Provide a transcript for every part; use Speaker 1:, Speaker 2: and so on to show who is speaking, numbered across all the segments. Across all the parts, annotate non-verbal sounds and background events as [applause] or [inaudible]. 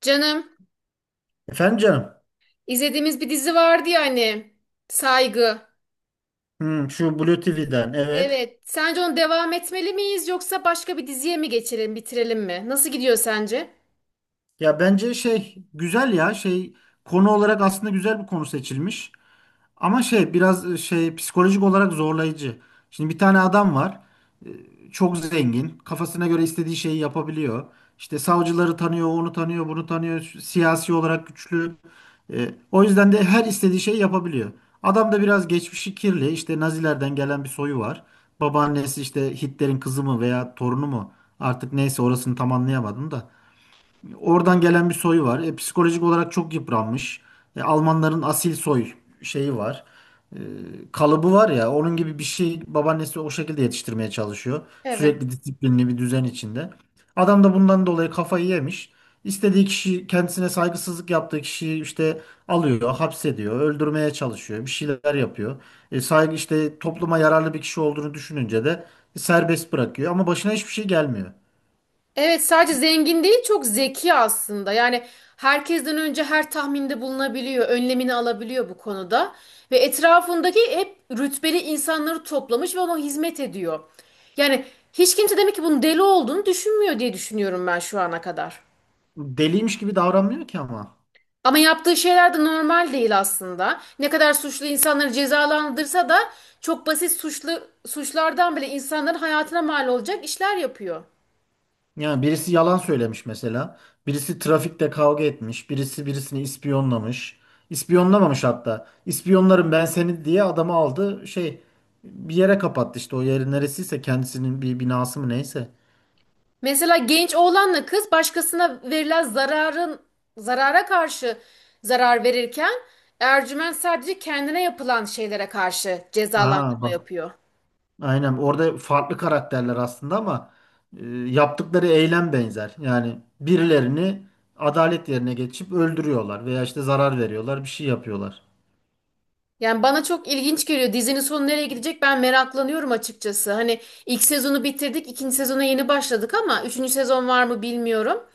Speaker 1: Canım,
Speaker 2: Efendim canım.
Speaker 1: izlediğimiz bir dizi vardı ya hani, Saygı.
Speaker 2: Hmm, şu Blue TV'den evet.
Speaker 1: Evet, sence onu devam etmeli miyiz yoksa başka bir diziye mi geçelim, bitirelim mi? Nasıl gidiyor sence?
Speaker 2: Ya bence şey güzel ya şey konu olarak aslında güzel bir konu seçilmiş. Ama şey biraz şey psikolojik olarak zorlayıcı. Şimdi bir tane adam var. Çok zengin. Kafasına göre istediği şeyi yapabiliyor. İşte savcıları tanıyor, onu tanıyor, bunu tanıyor. Siyasi olarak güçlü. E, o yüzden de her istediği şeyi yapabiliyor. Adam da biraz geçmişi kirli. İşte Nazilerden gelen bir soyu var. Babaannesi işte Hitler'in kızı mı veya torunu mu? Artık neyse orasını tam anlayamadım da. Oradan gelen bir soyu var. E, psikolojik olarak çok yıpranmış. E, Almanların asil soy şeyi var. E, kalıbı var ya, onun gibi bir şey. Babaannesi o şekilde yetiştirmeye çalışıyor.
Speaker 1: Evet.
Speaker 2: Sürekli disiplinli bir düzen içinde. Adam da bundan dolayı kafayı yemiş. İstediği kişi, kendisine saygısızlık yaptığı kişiyi işte alıyor, hapsediyor, öldürmeye çalışıyor, bir şeyler yapıyor. E, saygı, işte topluma yararlı bir kişi olduğunu düşününce de serbest bırakıyor ama başına hiçbir şey gelmiyor.
Speaker 1: Evet, sadece zengin değil, çok zeki aslında. Yani herkesten önce her tahminde bulunabiliyor, önlemini alabiliyor bu konuda. Ve etrafındaki hep rütbeli insanları toplamış ve ona hizmet ediyor. Yani hiç kimse demek ki bunun deli olduğunu düşünmüyor diye düşünüyorum ben şu ana kadar.
Speaker 2: Deliymiş gibi davranmıyor ki ama.
Speaker 1: Ama yaptığı şeyler de normal değil aslında. Ne kadar suçlu insanları cezalandırsa da çok basit suçlardan bile insanların hayatına mal olacak işler yapıyor.
Speaker 2: Yani birisi yalan söylemiş mesela. Birisi trafikte kavga etmiş. Birisi birisini ispiyonlamış. İspiyonlamamış hatta. İspiyonlarım ben seni diye adamı aldı. Şey, bir yere kapattı, işte o yeri neresiyse kendisinin bir binası mı neyse.
Speaker 1: Mesela genç oğlanla kız başkasına verilen zararın zarara karşı zarar verirken Ercüment sadece kendine yapılan şeylere karşı
Speaker 2: Aa
Speaker 1: cezalandırma
Speaker 2: bak.
Speaker 1: yapıyor.
Speaker 2: Aynen, orada farklı karakterler aslında ama e, yaptıkları eylem benzer. Yani birilerini adalet yerine geçip öldürüyorlar veya işte zarar veriyorlar, bir şey yapıyorlar.
Speaker 1: Yani bana çok ilginç geliyor. Dizinin sonu nereye gidecek ben meraklanıyorum açıkçası. Hani ilk sezonu bitirdik, ikinci sezona yeni başladık ama üçüncü sezon var mı bilmiyorum.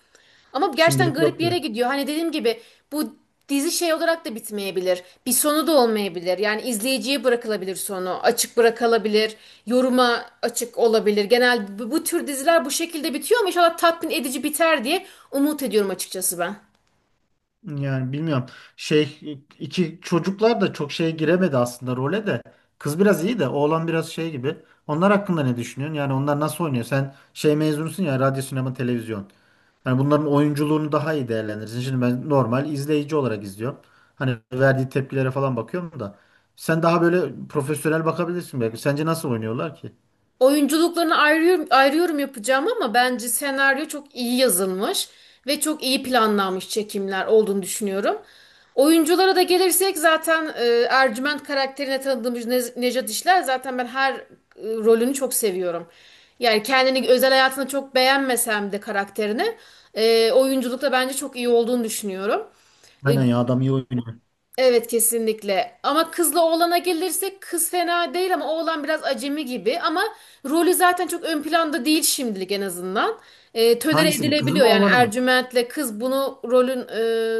Speaker 1: Ama gerçekten
Speaker 2: Şimdilik
Speaker 1: garip
Speaker 2: yok.
Speaker 1: bir yere gidiyor. Hani dediğim gibi bu dizi şey olarak da bitmeyebilir. Bir sonu da olmayabilir. Yani izleyiciye bırakılabilir sonu. Açık bırakılabilir. Yoruma açık olabilir. Genel bu tür diziler bu şekilde bitiyor ama inşallah tatmin edici biter diye umut ediyorum açıkçası ben.
Speaker 2: Yani bilmiyorum. Şey, iki çocuklar da çok şeye giremedi aslında, role de. Kız biraz iyi de oğlan biraz şey gibi. Onlar hakkında ne düşünüyorsun? Yani onlar nasıl oynuyor? Sen şey mezunusun ya, radyo, sinema, televizyon. Hani bunların oyunculuğunu daha iyi değerlendirirsin. Şimdi ben normal izleyici olarak izliyorum. Hani verdiği tepkilere falan bakıyorum da. Sen daha böyle profesyonel bakabilirsin belki. Sence nasıl oynuyorlar ki?
Speaker 1: Oyunculuklarını ayrıyorum yapacağım ama bence senaryo çok iyi yazılmış ve çok iyi planlanmış çekimler olduğunu düşünüyorum. Oyunculara da gelirsek zaten Ercüment karakterine tanıdığımız Nejat İşler zaten ben her rolünü çok seviyorum. Yani kendini özel hayatını çok beğenmesem de karakterini oyunculukta bence çok iyi olduğunu düşünüyorum. E,
Speaker 2: Aynen ya, adam iyi oynuyor.
Speaker 1: Evet kesinlikle. Ama kızla oğlana gelirsek kız fena değil ama oğlan biraz acemi gibi. Ama rolü zaten çok ön planda değil şimdilik en azından. Tölere
Speaker 2: Hangisinin? Kızın
Speaker 1: edilebiliyor
Speaker 2: mı
Speaker 1: yani
Speaker 2: oğlanı mı?
Speaker 1: Ercüment'le kız bunu rolün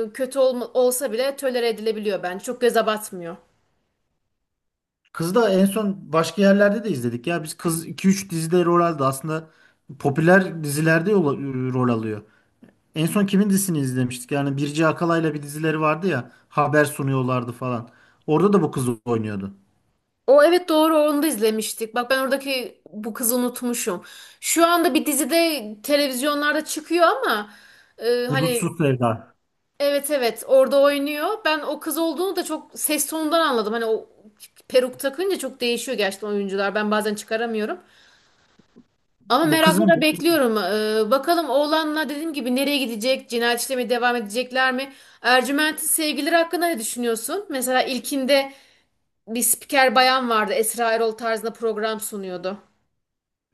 Speaker 1: kötü olsa bile tölere edilebiliyor bence. Çok göze batmıyor.
Speaker 2: Kızı da en son başka yerlerde de izledik ya. Biz kız iki üç dizide rol aldı. Aslında popüler dizilerde rol alıyor. En son kimin dizisini izlemiştik? Yani Birce Akalay'la bir dizileri vardı ya. Haber sunuyorlardı falan. Orada da bu kız oynuyordu.
Speaker 1: O evet doğru onu da izlemiştik. Bak ben oradaki bu kızı unutmuşum. Şu anda bir dizide televizyonlarda çıkıyor ama hani.
Speaker 2: Hudutsuz Sevda.
Speaker 1: Evet, orada oynuyor. Ben o kız olduğunu da çok ses tonundan anladım. Hani o peruk takınca çok değişiyor gerçekten oyuncular. Ben bazen çıkaramıyorum. Ama
Speaker 2: Bu
Speaker 1: merakla
Speaker 2: kızım.
Speaker 1: da bekliyorum. Bakalım oğlanla dediğim gibi nereye gidecek? Cinayet işlemeye devam edecekler mi? Ercüment'in sevgilileri hakkında ne düşünüyorsun? Mesela ilkinde bir spiker bayan vardı. Esra Erol tarzında program sunuyordu.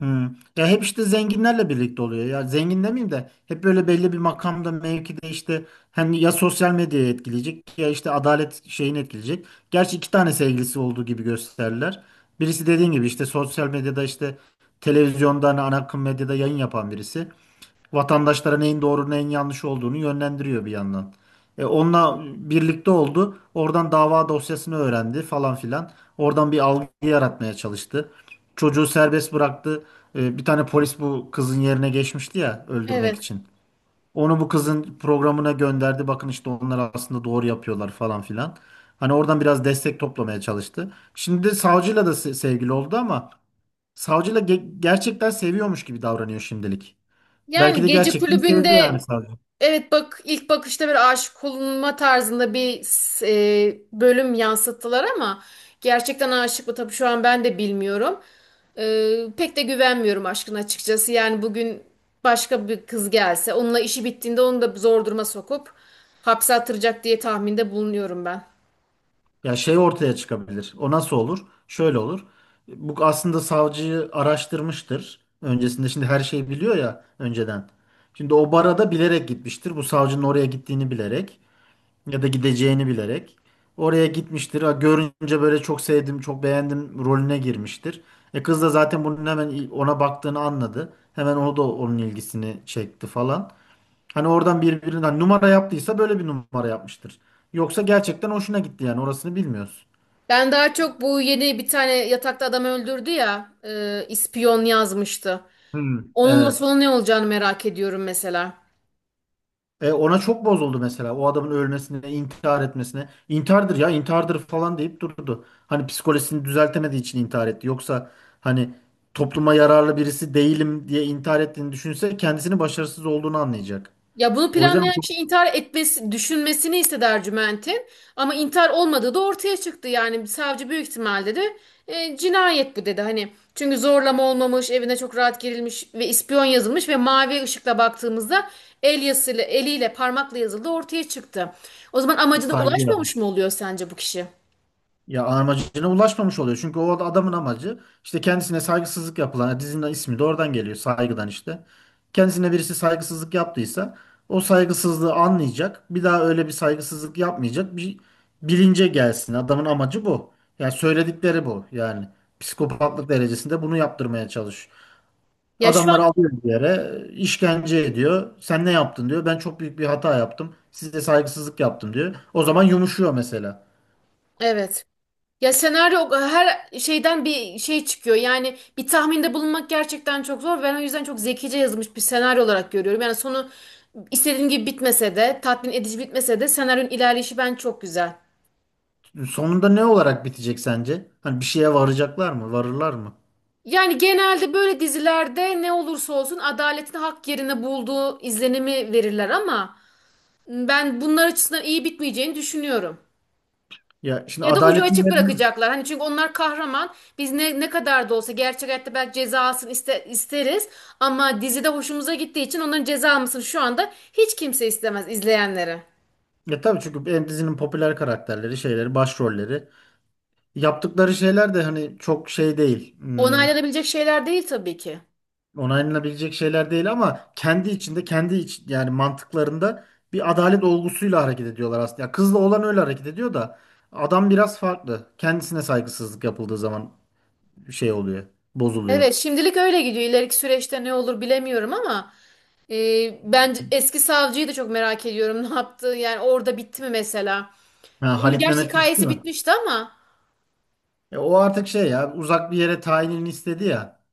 Speaker 2: Hmm. Ya hep işte zenginlerle birlikte oluyor. Ya zengin demeyeyim de hep böyle belli bir makamda, mevkide, işte hani ya sosyal medyayı etkileyecek ya işte adalet şeyini etkileyecek. Gerçi iki tane sevgilisi olduğu gibi gösterirler. Birisi, dediğin gibi, işte sosyal medyada, işte televizyonda, hani ana akım medyada yayın yapan birisi. Vatandaşlara neyin doğru neyin yanlış olduğunu yönlendiriyor bir yandan. E, onunla birlikte oldu. Oradan dava dosyasını öğrendi falan filan. Oradan bir algı yaratmaya çalıştı. Çocuğu serbest bıraktı. E, bir tane polis bu kızın yerine geçmişti ya öldürmek
Speaker 1: Evet.
Speaker 2: için. Onu bu kızın programına gönderdi. Bakın işte onlar aslında doğru yapıyorlar falan filan. Hani oradan biraz destek toplamaya çalıştı. Şimdi savcıyla da sevgili oldu ama savcıyla gerçekten seviyormuş gibi davranıyor şimdilik. Belki
Speaker 1: Yani
Speaker 2: de
Speaker 1: gece
Speaker 2: gerçekten sevdi yani
Speaker 1: kulübünde
Speaker 2: savcı.
Speaker 1: evet, bak ilk bakışta bir aşık olunma tarzında bir bölüm yansıttılar ama gerçekten aşık mı tabii şu an ben de bilmiyorum. Pek de güvenmiyorum aşkın açıkçası. Yani bugün başka bir kız gelse onunla işi bittiğinde onu da zor duruma sokup hapse attıracak diye tahminde bulunuyorum ben.
Speaker 2: Ya şey ortaya çıkabilir. O nasıl olur? Şöyle olur. Bu aslında savcıyı araştırmıştır. Öncesinde, şimdi, her şeyi biliyor ya önceden. Şimdi o bara da bilerek gitmiştir. Bu savcının oraya gittiğini bilerek ya da gideceğini bilerek. Oraya gitmiştir. Ha, görünce böyle çok sevdim, çok beğendim rolüne girmiştir. E, kız da zaten bunun hemen ona baktığını anladı. Hemen o da onun ilgisini çekti falan. Hani oradan birbirinden numara yaptıysa böyle bir numara yapmıştır. Yoksa gerçekten hoşuna gitti, yani orasını bilmiyoruz.
Speaker 1: Ben daha çok bu yeni bir tane yatakta adam öldürdü ya ispiyon yazmıştı.
Speaker 2: Hmm.
Speaker 1: Onunla
Speaker 2: Evet.
Speaker 1: sonu ne olacağını merak ediyorum mesela.
Speaker 2: E, ona çok bozuldu mesela. O adamın ölmesine, intihar etmesine. İntihardır ya, intihardır falan deyip durdu. Hani psikolojisini düzeltemediği için intihar etti. Yoksa hani topluma yararlı birisi değilim diye intihar ettiğini düşünse kendisini başarısız olduğunu anlayacak.
Speaker 1: Ya bunu
Speaker 2: O yüzden
Speaker 1: planlayan kişi
Speaker 2: çok
Speaker 1: intihar etmesi, düşünmesini istedi Ercüment'in. Ama intihar olmadığı da ortaya çıktı. Yani savcı büyük ihtimalle de "E, cinayet bu" dedi. Hani çünkü zorlama olmamış, evine çok rahat girilmiş ve ispiyon yazılmış ve mavi ışıkla baktığımızda el yazısıyla, eliyle parmakla yazıldı ortaya çıktı. O zaman amacına
Speaker 2: saygıyla.
Speaker 1: ulaşmamış mı oluyor sence bu kişi?
Speaker 2: Ya amacına ulaşmamış oluyor. Çünkü o adamın amacı, işte kendisine saygısızlık yapılan, dizinin ismi de oradan geliyor, saygıdan işte. Kendisine birisi saygısızlık yaptıysa o saygısızlığı anlayacak. Bir daha öyle bir saygısızlık yapmayacak. Bir bilince gelsin. Adamın amacı bu. Yani söyledikleri bu. Yani psikopatlık derecesinde bunu yaptırmaya çalış.
Speaker 1: Ya şu
Speaker 2: Adamları
Speaker 1: an
Speaker 2: alıyor bir yere, işkence ediyor. Sen ne yaptın diyor. Ben çok büyük bir hata yaptım, size saygısızlık yaptım diyor. O zaman yumuşuyor mesela.
Speaker 1: evet. Ya senaryo her şeyden bir şey çıkıyor. Yani bir tahminde bulunmak gerçekten çok zor. Ben o yüzden çok zekice yazılmış bir senaryo olarak görüyorum. Yani sonu istediğim gibi bitmese de, tatmin edici bitmese de senaryonun ilerleyişi ben çok güzel.
Speaker 2: Sonunda ne olarak bitecek sence? Hani bir şeye varacaklar mı? Varırlar mı?
Speaker 1: Yani genelde böyle dizilerde ne olursa olsun adaletin hak yerine bulduğu izlenimi verirler ama ben bunlar açısından iyi bitmeyeceğini düşünüyorum.
Speaker 2: Ya şimdi
Speaker 1: Ya da ucu
Speaker 2: adaletin
Speaker 1: açık
Speaker 2: yerine...
Speaker 1: bırakacaklar. Hani çünkü onlar kahraman. Biz ne kadar da olsa gerçek hayatta belki cezasını isteriz ama dizide hoşumuza gittiği için onların ceza mısın şu anda hiç kimse istemez izleyenlere.
Speaker 2: Ya tabii, çünkü en, dizinin popüler karakterleri, şeyleri, başrolleri. Yaptıkları şeyler de hani çok şey değil. Hmm,
Speaker 1: Onaylanabilecek şeyler değil tabii ki.
Speaker 2: onaylanabilecek şeyler değil ama kendi içinde, kendi iç, yani mantıklarında bir adalet olgusuyla hareket ediyorlar aslında. Ya kızla olan öyle hareket ediyor da adam biraz farklı. Kendisine saygısızlık yapıldığı zaman şey oluyor, bozuluyor.
Speaker 1: Evet, şimdilik öyle gidiyor. İleriki süreçte ne olur bilemiyorum ama ben eski savcıyı da çok merak ediyorum. [laughs] Ne yaptı? Yani orada bitti mi mesela?
Speaker 2: Ha,
Speaker 1: Onun
Speaker 2: Halit
Speaker 1: gerçi
Speaker 2: Mehmet Güçlü
Speaker 1: hikayesi
Speaker 2: mü?
Speaker 1: bitmişti ama
Speaker 2: E, o artık şey, ya uzak bir yere tayinini istedi ya.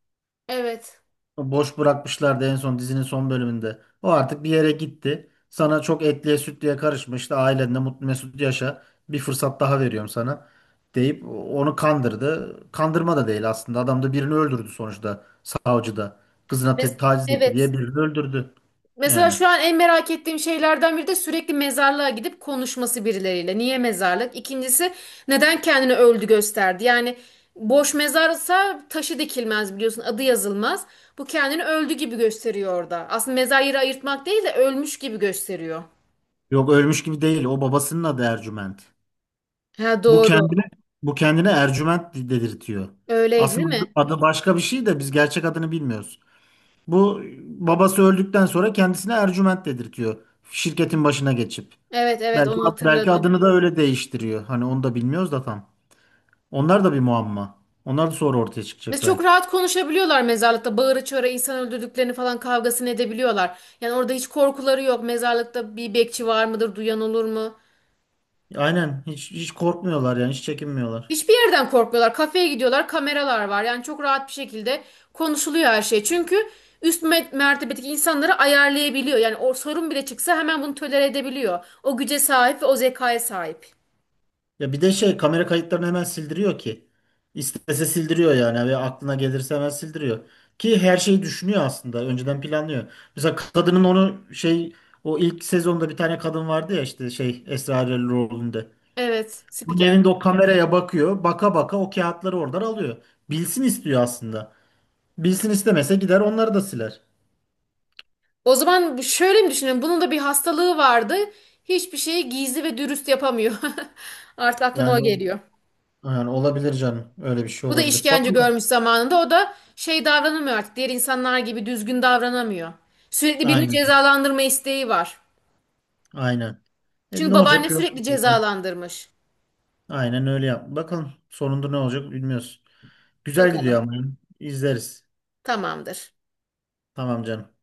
Speaker 1: evet.
Speaker 2: O boş bırakmışlardı en son dizinin son bölümünde. O artık bir yere gitti. Sana çok, etliye sütlüye karışma işte, ailenle mutlu mesut yaşa. Bir fırsat daha veriyorum sana deyip onu kandırdı. Kandırma da değil aslında. Adam da birini öldürdü sonuçta, savcı da. Kızına
Speaker 1: Mes-
Speaker 2: taciz etti
Speaker 1: Evet.
Speaker 2: diye birini öldürdü.
Speaker 1: Mesela
Speaker 2: Yani.
Speaker 1: şu an en merak ettiğim şeylerden biri de sürekli mezarlığa gidip konuşması birileriyle. Niye mezarlık? İkincisi neden kendini öldü gösterdi? Yani boş mezarsa taşı dikilmez biliyorsun adı yazılmaz. Bu kendini öldü gibi gösteriyor orada. Aslında mezar yeri ayırtmak değil de ölmüş gibi gösteriyor.
Speaker 2: Yok, ölmüş gibi değil. O babasının adı Ercüment.
Speaker 1: Ha
Speaker 2: Bu
Speaker 1: doğru.
Speaker 2: kendine bu kendine Ercüment dedirtiyor.
Speaker 1: Öyleydi değil
Speaker 2: Aslında
Speaker 1: mi?
Speaker 2: adı başka bir şey de biz gerçek adını bilmiyoruz. Bu, babası öldükten sonra kendisine Ercüment dedirtiyor. Şirketin başına geçip.
Speaker 1: Evet,
Speaker 2: Belki
Speaker 1: onu
Speaker 2: belki
Speaker 1: hatırladım.
Speaker 2: adını da öyle değiştiriyor. Hani onu da bilmiyoruz da tam. Onlar da bir muamma. Onlar da sonra ortaya
Speaker 1: Biz
Speaker 2: çıkacak
Speaker 1: çok
Speaker 2: belki.
Speaker 1: rahat konuşabiliyorlar mezarlıkta. Bağıra çağıra insan öldürdüklerini falan kavgasını edebiliyorlar. Yani orada hiç korkuları yok. Mezarlıkta bir bekçi var mıdır, duyan olur mu?
Speaker 2: Aynen, hiç korkmuyorlar yani, hiç çekinmiyorlar.
Speaker 1: Hiçbir yerden korkmuyorlar. Kafeye gidiyorlar, kameralar var. Yani çok rahat bir şekilde konuşuluyor her şey. Çünkü üst mertebedeki insanları ayarlayabiliyor. Yani o sorun bile çıksa hemen bunu tolere edebiliyor. O güce sahip ve o zekaya sahip.
Speaker 2: Ya bir de şey, kamera kayıtlarını hemen sildiriyor ki. İstese sildiriyor yani, ve aklına gelirse hemen sildiriyor. Ki her şeyi düşünüyor aslında. Önceden planlıyor. Mesela kadının onu şey, o ilk sezonda bir tane kadın vardı ya işte şey Esra Erol rolünde.
Speaker 1: Evet,
Speaker 2: Bunun
Speaker 1: spiker.
Speaker 2: evinde o kameraya bakıyor. Baka baka o kağıtları oradan alıyor. Bilsin istiyor aslında. Bilsin istemese gider onları da siler.
Speaker 1: O zaman şöyle mi düşünelim? Bunun da bir hastalığı vardı. Hiçbir şeyi gizli ve dürüst yapamıyor. [laughs] Artık aklıma o
Speaker 2: Yani,
Speaker 1: geliyor.
Speaker 2: yani, olabilir canım. Öyle bir şey
Speaker 1: Bu da
Speaker 2: olabilir.
Speaker 1: işkence
Speaker 2: Bakalım.
Speaker 1: görmüş zamanında. O da şey davranamıyor artık. Diğer insanlar gibi düzgün davranamıyor. Sürekli birini
Speaker 2: Aynen.
Speaker 1: cezalandırma isteği var.
Speaker 2: Aynen. E,
Speaker 1: Çünkü
Speaker 2: ne
Speaker 1: babaanne
Speaker 2: olacak?
Speaker 1: sürekli
Speaker 2: Göreceğiz.
Speaker 1: cezalandırmış.
Speaker 2: Aynen öyle yap. Bakalım sonunda ne olacak bilmiyoruz. Güzel gidiyor
Speaker 1: Bakalım.
Speaker 2: ama. İzleriz.
Speaker 1: Tamamdır.
Speaker 2: Tamam canım.